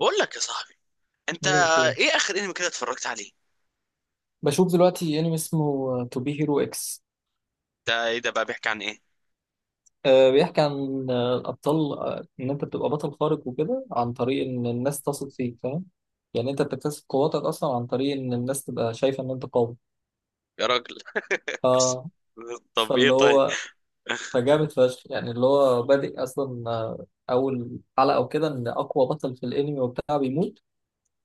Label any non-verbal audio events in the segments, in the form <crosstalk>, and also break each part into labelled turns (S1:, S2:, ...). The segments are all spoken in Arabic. S1: بقول لك يا صاحبي، انت
S2: ايه يا اخويا،
S1: ايه اخر انمي كده اتفرجت عليه؟
S2: بشوف دلوقتي انمي اسمه تو بي هيرو اكس.
S1: ده ايه ده بقى؟ بيحكي عن ايه؟
S2: بيحكي عن الابطال، ان انت بتبقى بطل خارق وكده عن طريق ان الناس تثق فيك، فاهم؟ يعني انت بتكتسب قواتك اصلا عن طريق ان الناس تبقى شايفه ان انت قوي.
S1: يا راجل.
S2: ف...
S1: <laughs> طب ايه
S2: فاللي
S1: طيب؟
S2: هو فجامد فشخ. يعني اللي هو بادئ اصلا اول حلقه وكده ان اقوى بطل في الانمي وبتاع بيموت،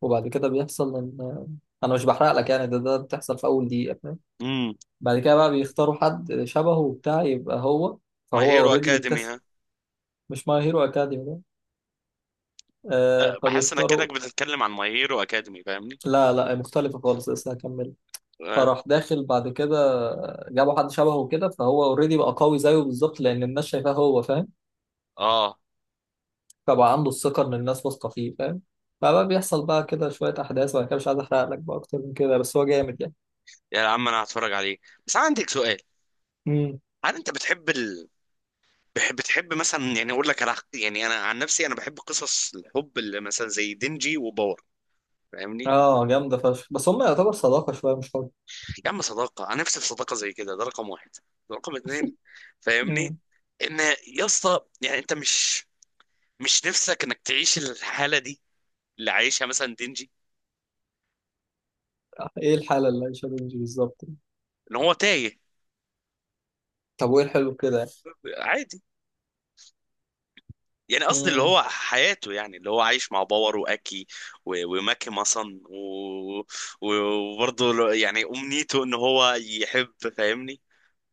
S2: وبعد كده بيحصل ان انا مش بحرق لك، يعني ده بتحصل في اول دقيقه.
S1: امم
S2: بعد كده بقى بيختاروا حد شبهه وبتاع يبقى هو،
S1: ماي
S2: فهو
S1: هيرو
S2: اوريدي
S1: اكاديمي
S2: بيكتسب.
S1: ها؟
S2: مش ماي هيرو اكاديمي ده. آه،
S1: لا، بحس انك
S2: فبيختاروا.
S1: كانك بتتكلم عن ماي هيرو اكاديمي، فاهمني؟
S2: لا لا، مختلفة خالص، لسه هكمل.
S1: اه
S2: فراح داخل بعد كده، جابوا حد شبهه كده فهو اوريدي بقى قوي زيه بالظبط لان الناس شايفاه، هو فاهم؟
S1: اه،
S2: فبقى عنده الثقة ان الناس واثقة فيه، فاهم؟ فبقى بيحصل بقى كده شوية أحداث، وأنا كده مش عايز أحرق لك بقى أكتر من كده، بس هو جامد يعني.
S1: يا عم انا هتفرج عليه، بس انا عندك سؤال.
S2: امم.
S1: هل انت بتحب بتحب مثلا؟ يعني اقول لك على، يعني انا عن نفسي انا بحب قصص الحب اللي مثلا زي دينجي وباور، فاهمني؟
S2: آه، جامدة فشخ، بس هم يعتبر صداقة شوية مش حب.
S1: يا عم صداقة، أنا نفسي في صداقة زي كده، ده رقم واحد. رقم اتنين، فاهمني؟
S2: امم.
S1: إن يا اسطى، يعني أنت مش نفسك إنك تعيش الحالة دي اللي عايشها مثلا دينجي؟
S2: إيه الحالة اللي عايشة بنجي بالظبط؟
S1: إن هو تايه.
S2: طب وإيه الحلو في كده يعني؟
S1: عادي. يعني قصدي اللي
S2: امم.
S1: هو حياته، يعني اللي هو عايش مع باور وأكي، وماكي مثلا، و- وبرضه يعني أمنيته إن هو يحب، فاهمني؟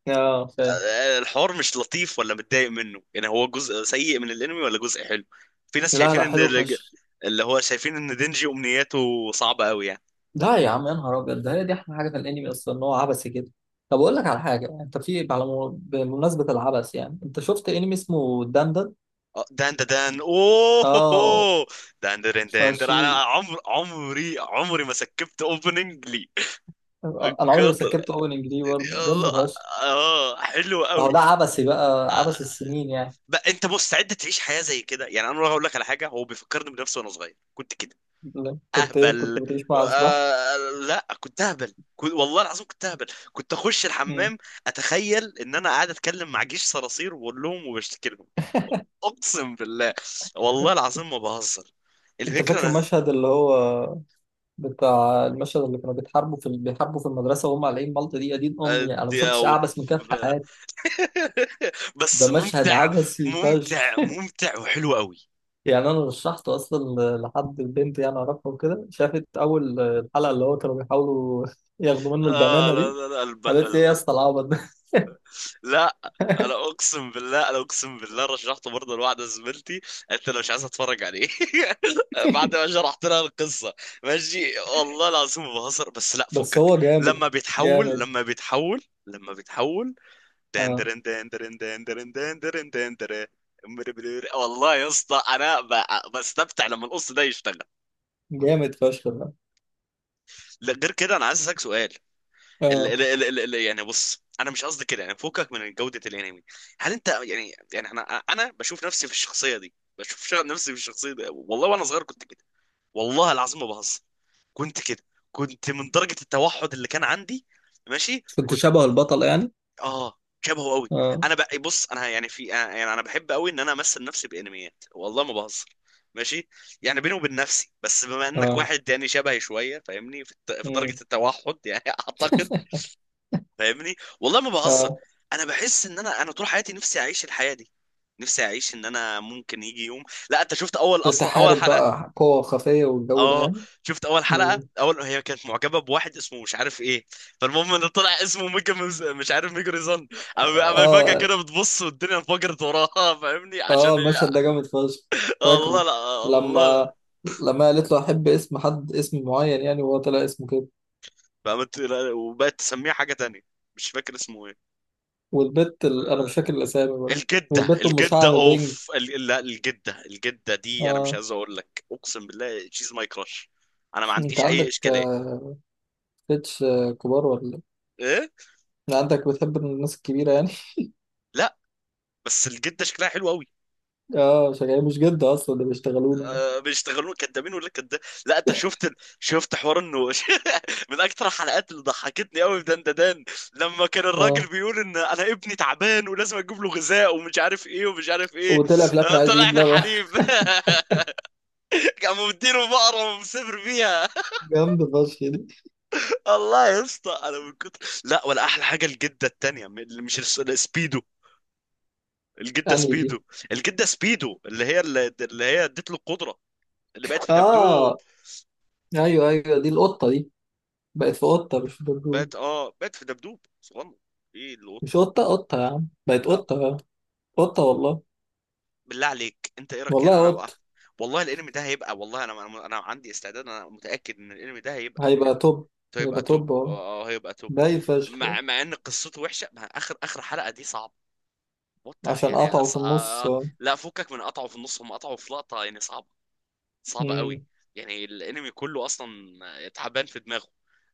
S2: اه، فاهم.
S1: الحوار مش لطيف ولا متضايق منه؟ يعني هو جزء سيء من الانمي ولا جزء حلو؟ في ناس
S2: لا
S1: شايفين
S2: لا،
S1: ان
S2: حلو فشخ.
S1: اللي هو شايفين ان دينجي امنياته صعبة قوي يعني.
S2: لا يا عم، يا نهار ابيض، ده هي دي احلى حاجه في الانمي اصلا، ان هو عبثي كده. طب اقول لك على حاجه، انت بمناسبه العبث، يعني انت شفت انمي اسمه دندن؟
S1: دان دا دان، اوه هو
S2: اه.
S1: هو. دان دان دان دان،
S2: فشي.
S1: انا عمري ما سكبت اوبننج لي.
S2: انا عمري ما
S1: كتر.
S2: سكبت اوبننج دي، برضه جامد
S1: يلا.
S2: فشخ.
S1: اه حلو
S2: اهو
S1: قوي.
S2: ده عبثي بقى، عبث السنين يعني.
S1: بقى انت مستعد تعيش حياة زي كده؟ يعني انا هقول لك على حاجة، هو بيفكرني بنفسي وانا صغير، كنت كده.
S2: لا، كنت إيه، كنت
S1: اهبل.
S2: بتعيش مع اشباح؟
S1: آه. لا، كنت اهبل، كنت والله العظيم كنت اهبل. كنت اخش
S2: مم.
S1: الحمام، اتخيل ان انا قاعد اتكلم مع جيش صراصير، واقول لهم وبشتكي لهم. اقسم بالله، والله العظيم ما بهزر.
S2: انت فاكر
S1: الفكره أنا-
S2: مشهد اللي هو بتاع المشهد اللي كانوا بيتحاربوا في بيحاربوا في المدرسه وهم قالعين مالطه دي؟ يا دين
S1: آه،
S2: امي، انا ما
S1: دي
S2: شفتش
S1: أو-
S2: اعبث من كده في.
S1: <laughs>
S2: ده
S1: بس
S2: مشهد
S1: ممتع.
S2: عبثي فشخ.
S1: ممتع ممتع وحلو قوي.
S2: يعني انا رشحته اصلا لحد البنت يعني اعرفها وكده، شافت اول الحلقه اللي هو كانوا بيحاولوا <laughs> ياخدوا منه البنانه
S1: لا
S2: دي،
S1: لا لا،
S2: قالت لي ايه يا اسطى العبط ده.
S1: لا، انا اقسم بالله، انا اقسم بالله رشحته برضه لواحده زميلتي. انت لو مش عايز اتفرج عليه. <laughs> بعد ما
S2: <laughs>
S1: شرحت لها القصه، ماشي والله العظيم ما بهزر، بس لا
S2: بس
S1: فكك.
S2: هو جامد.
S1: لما بيتحول،
S2: جامد.
S1: لما بيتحول، لما بيتحول،
S2: اه،
S1: دندرن دندرن دندرن، دندرن دندرن. والله يا اسطى، انا بستمتع لما القص ده يشتغل.
S2: جامد فشخ ده.
S1: لا، غير كده انا عايز اسالك سؤال. ال
S2: اه.
S1: ال ال ال ال يعني، بص انا مش قصدي كده يعني فوقك من جودة الانمي. هل انت يعني انا بشوف نفسي في الشخصية دي؟ بشوف نفسي في الشخصية دي، والله وانا صغير كنت كده، والله العظيم ما بهزر، كنت كده، كنت من درجة التوحد اللي كان عندي. ماشي
S2: كنت
S1: كنت.
S2: شبه البطل يعني؟
S1: اه. شبهه قوي.
S2: اه.
S1: انا بقى، بص انا يعني في يعني انا بحب قوي ان انا امثل نفسي بانميات، والله ما بهزر. ماشي، يعني بيني وبين نفسي، بس بما انك
S2: اه.
S1: واحد يعني شبهي شويه، فاهمني، في في درجه
S2: امم.
S1: التوحد يعني <laughs> اعتقد. فاهمني؟ والله ما بهزر،
S2: اه.
S1: انا بحس ان انا طول حياتي نفسي اعيش الحياه دي، نفسي اعيش ان انا ممكن يجي يوم. لا انت شفت اول اصلا اول
S2: تتحارب
S1: حلقه؟
S2: بقى قوة خفية والجو ده
S1: اه.
S2: يعني؟
S1: شفت اول حلقه؟
S2: امم.
S1: اول، هي كانت معجبه بواحد اسمه مش عارف ايه. فالمهم ان طلع اسمه ميجا مش عارف، ميجا ريزان. اما فجاه
S2: اه.
S1: كده بتبص والدنيا انفجرت وراها، فاهمني، عشان
S2: اه،
S1: هي،
S2: المشهد ده جامد فشخ.
S1: الله
S2: فاكره؟
S1: لا الله لا.
S2: لما لما قالت له احب اسم حد اسم معين يعني وهو طلع اسمه كده.
S1: فقامت لا، وبقت تسميه حاجه تانية. مش فاكر اسمه ايه.
S2: والبت ال... انا مش فاكر الاسامي برضه.
S1: الجدة
S2: والبت ام
S1: الجدة
S2: شعر بينج.
S1: لا، الجدة دي انا مش
S2: اه.
S1: عايز اقول لك، اقسم بالله شيز ماي كراش. انا ما
S2: انت
S1: عنديش اي
S2: عندك
S1: اشكالية.
S2: بيتش كبار ولا؟
S1: ايه.
S2: إيه؟ عندك بتحب الناس الكبيره يعني؟
S1: لا، بس الجدة شكلها حلو قوي.
S2: <laughs> اه، شغال مش جد اصلا، ده بيشتغلونا يعني.
S1: أه، بيشتغلوا. كدابين ولا كداب؟ لا انت شفت شفت حوار انه <laughs> من اكتر الحلقات اللي ضحكتني قوي في دندان لما كان الراجل
S2: اه.
S1: بيقول ان انا ابني تعبان، ولازم اجيب له غذاء ومش عارف ايه ومش عارف ايه.
S2: وطلع في الاخر عايز يجيب
S1: طلع في
S2: لبن.
S1: الحليب. <laughs> قاموا مديله بقرة ومسافر بيها.
S2: <laughs> جامده فشخ دي.
S1: الله يا اسطى، انا من كتر، لا ولا احلى حاجه الجده التانيه اللي مش السبيدو. الجده
S2: يعني
S1: سبيدو.
S2: دي.
S1: الجده سبيدو، اللي هي، اللي هي اديت له القدره، اللي بقت في دبدوب.
S2: اه. ايوه ايوه، دي القطه دي. بقت في قطه مش في دبدوب.
S1: بقت في دبدوب صغنن. ايه القطه؟
S2: مش قطه، قطه يا عم، بقت
S1: لا.
S2: قطه. قطة والله.
S1: بالله عليك، انت ايه رايك؟ يعني
S2: والله
S1: انا بقى،
S2: قط.
S1: والله الانمي ده هيبقى، والله انا أنا عندي استعداد، انا متاكد ان الانمي ده هيبقى حلو.
S2: هيبقى توب. هيبقى
S1: هيبقى توب.
S2: توب اه.
S1: هيبقى توب.
S2: باي فشخ.
S1: مع ان قصته وحشه، مع اخر اخر حلقه دي صعبه. وات
S2: عشان
S1: يعني
S2: قطعه في النص، اه.
S1: لا فكك من قطعه في النص، هم قطعوا في لقطة يعني صعبة، صعبة قوي.
S2: مم.
S1: يعني الانمي كله اصلا تعبان في دماغه،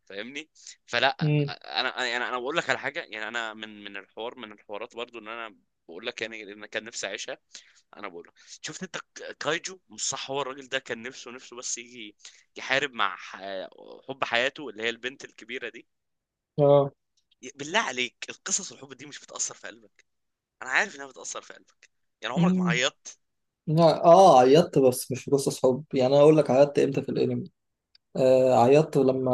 S1: فاهمني؟ فلا.
S2: مم.
S1: انا يعني انا بقول لك على حاجة، يعني انا من الحوار، من الحوارات برضو، ان انا بقول لك يعني، ان كان نفسي اعيشها. انا بقول لك، شفت انت كايجو مش صح؟ هو الراجل ده كان نفسه نفسه، بس يجي يحارب مع حب حياته، اللي هي البنت الكبيرة دي.
S2: اه.
S1: بالله عليك، القصص الحب دي مش بتأثر في قلبك؟ انا عارف انها بتأثر في قلبك، يعني عمرك ما
S2: مم.
S1: عيطت؟
S2: لا، اه عيطت، بس مش في قصص حب. يعني انا اقول لك عيطت امتى في الانمي. آه، عيطت لما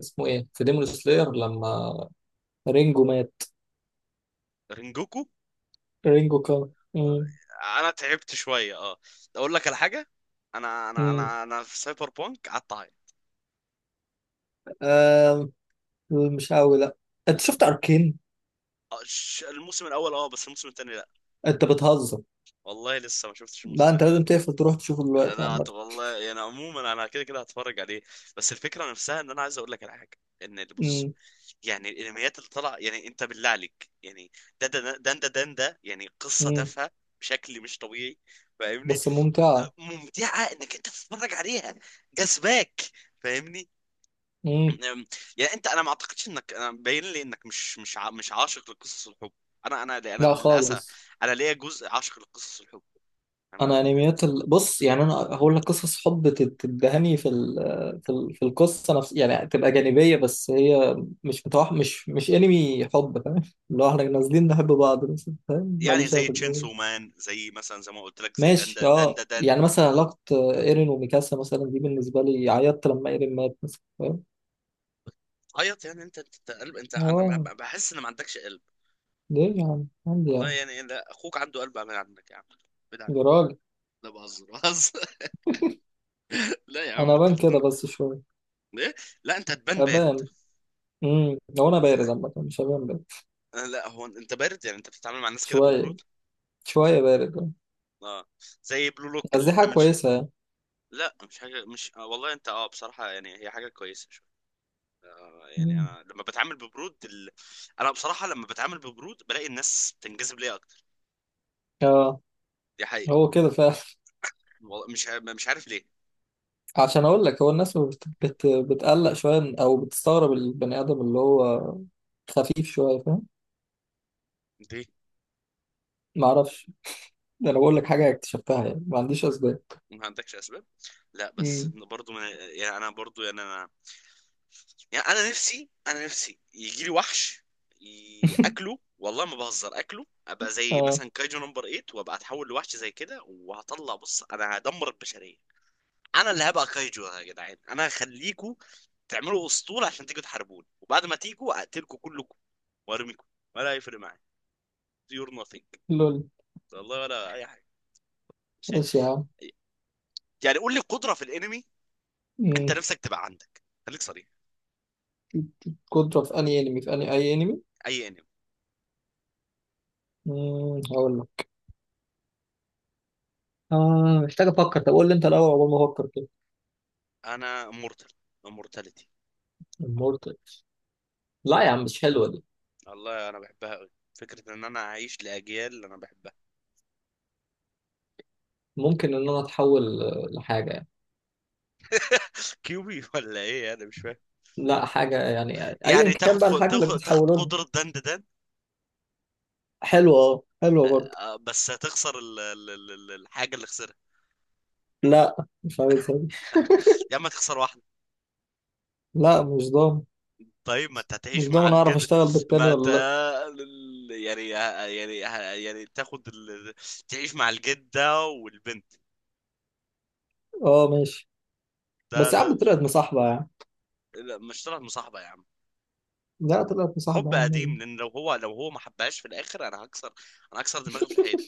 S2: اسمه ايه في ديمون سلاير، لما رينجو مات.
S1: رينجوكو.
S2: رينجو كان. مم.
S1: انا تعبت شويه، اه. اقول لك على حاجه، انا انا
S2: مم.
S1: انا انا في سايبر بانك قعدت اعيط.
S2: آه. مش قوي، لا. انت شفت اركين؟
S1: الموسم الاول اه، بس الموسم الثاني لا.
S2: انت بتهزر.
S1: والله لسه ما شفتش
S2: لا
S1: الموسم
S2: انت لازم
S1: الثاني.
S2: تقفل تروح تشوفه دلوقتي
S1: لا
S2: عامة.
S1: والله يعني عموما انا كده كده هتفرج عليه، بس الفكره نفسها ان انا عايز اقول لك على حاجه، ان اللي بص،
S2: مم.
S1: يعني الانميات اللي طالعه، يعني انت بالله عليك يعني، ده يعني قصه
S2: مم.
S1: تافهه بشكل مش طبيعي، فاهمني؟
S2: بس ممتعة.
S1: ممتعه انك انت تتفرج عليها، جذباك، فاهمني؟
S2: مم.
S1: أم، يعني انت، انا ما اعتقدش انك، انا باين لي انك مش عاشق لقصص الحب، انا
S2: لا
S1: للاسف
S2: خالص.
S1: انا ليا جزء عاشق لقصص الحب، فاهمني؟
S2: انا انميات ال... بص، يعني انا هقول لك، قصص حب تدهني في ال... في ال... في القصه نفس، يعني تبقى جانبيه بس هي مش انمي حب، فاهم؟ اللي هو احنا نازلين نحب بعض مثلا، فاهم؟
S1: يعني
S2: ماليش انا
S1: زي
S2: في الجو ده.
S1: تشينسو مان، زي مثلا، زي ما قلت لك، زي
S2: ماشي،
S1: دندا دندا
S2: اه،
S1: دن.
S2: يعني مثلا علاقه ايرين وميكاسا مثلا، دي بالنسبه لي عيطت لما ايرين مات مثلا، فاهم؟
S1: عيط، يعني انت انت أنت قلب. انت انا ما-
S2: اه.
S1: بحس ان ما عندكش قلب.
S2: ليه يا عم، عندي
S1: والله
S2: يعني.
S1: يعني، لا اخوك عنده قلب، اعمل عندك يا عم، ابعد عنك.
S2: يا راجل.
S1: لا بهزر بهزر. <laughs> لا يا عم،
S2: انا
S1: انت
S2: بان كده
S1: الاتنين.
S2: بس شويه.
S1: ايه؟ <laughs> لا، انت هتبان بارد.
S2: ابان. امم، هو انا بارد
S1: انت.
S2: عامه، مش هبان بارد.
S1: لا هو انت بارد، يعني انت بتتعامل مع الناس كده
S2: شويه.
S1: ببرود.
S2: شويه بارد.
S1: اه. زي بلو لوك
S2: بس دي
S1: اللي
S2: حاجه
S1: احنا.
S2: كويسه.
S1: لا، مش حاجة مش آه، والله انت بصراحة يعني هي حاجة كويسة شو. يعني
S2: مم.
S1: انا لما بتعامل ببرود انا بصراحة لما بتعامل ببرود بلاقي الناس بتنجذب ليا اكتر،
S2: اه.
S1: دي حقيقة.
S2: هو كده فعلا.
S1: والله مش عارف ليه.
S2: <laughs> عشان اقول لك، هو الناس بتقلق شويه او بتستغرب البني ادم اللي هو خفيف شويه، فاهم؟
S1: ليه؟
S2: ما اعرفش. ده انا بقول لك حاجه اكتشفتها يعني، ما عنديش اسباب.
S1: ما عندكش اسباب؟ لا بس
S2: مم.
S1: إن برضو يعني انا برضو يعني انا، يعني انا نفسي، انا نفسي يجي لي وحش،
S2: <laughs>
S1: اكله، والله ما بهزر، اكله ابقى زي
S2: اه.
S1: مثلا كايجو نمبر 8 وابقى اتحول لوحش زي كده، وهطلع بص انا هدمر البشرية. انا اللي هبقى كايجو، يا جدعان انا هخليكوا تعملوا اسطول عشان تيجوا تحاربوني، وبعد ما تيجوا اقتلكوا كلكم وارميكم، ولا هيفرق معايا، يور نوثينج.
S2: لول.
S1: والله ولا اي حاجه. شيء.
S2: ماشي يا عم.
S1: يعني قول لي قدره في الانمي انت
S2: مم.
S1: نفسك تبقى عندك، خليك صريح.
S2: كنت في اني انمي؟ في اي انمي.
S1: اي انمي.
S2: مم، هقول لك. اه، محتاج افكر. طب قول لي انت الاول عقبال ما افكر كده.
S1: انا مورتال، امورتاليتي.
S2: المورتالز؟ لا يا عم، مش حلوه دي.
S1: والله انا بحبها قوي، فكرة ان انا اعيش لاجيال اللي انا بحبها.
S2: ممكن ان انا اتحول لحاجه يعني.
S1: كيوبي <laughs> ولا ايه؟ انا مش فاهم.
S2: لا حاجه يعني ايا
S1: يعني
S2: كان
S1: تاخد
S2: بقى الحاجه اللي
S1: تاخد
S2: بتحولها.
S1: قدرة دند دند.
S2: حلوة، اه حلوة برضه.
S1: بس هتخسر الحاجة اللي خسرها.
S2: لا، مش عايز أبي.
S1: يا اما تخسر واحدة.
S2: لا، مش ضامن.
S1: طيب ما انت
S2: مش
S1: هتعيش مع
S2: ضامن اعرف
S1: الجد.
S2: اشتغل بالتاني
S1: ما انت،
S2: ولا لا.
S1: يعني يعني تاخد تعيش مع الجدة والبنت.
S2: اه ماشي.
S1: ده
S2: بس يا
S1: ده
S2: عم طلعت مصاحبة يا عم.
S1: لا، مش طلعت مصاحبة يا عم.
S2: لا طلعت مصاحبة
S1: حب
S2: يا عم.
S1: قديم، لان لو هو ما حبهاش في الاخر انا هكسر، انا هكسر دماغي في الحيط.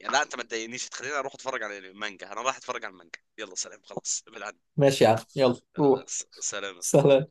S1: يعني لا انت ما تضايقنيش، تخليني اروح اتفرج على المانجا، انا رايح اتفرج على المانجا، يلا سلام خلاص بالعن.
S2: ماشي يا عم، يلا روح.
S1: سلام.
S2: سلام.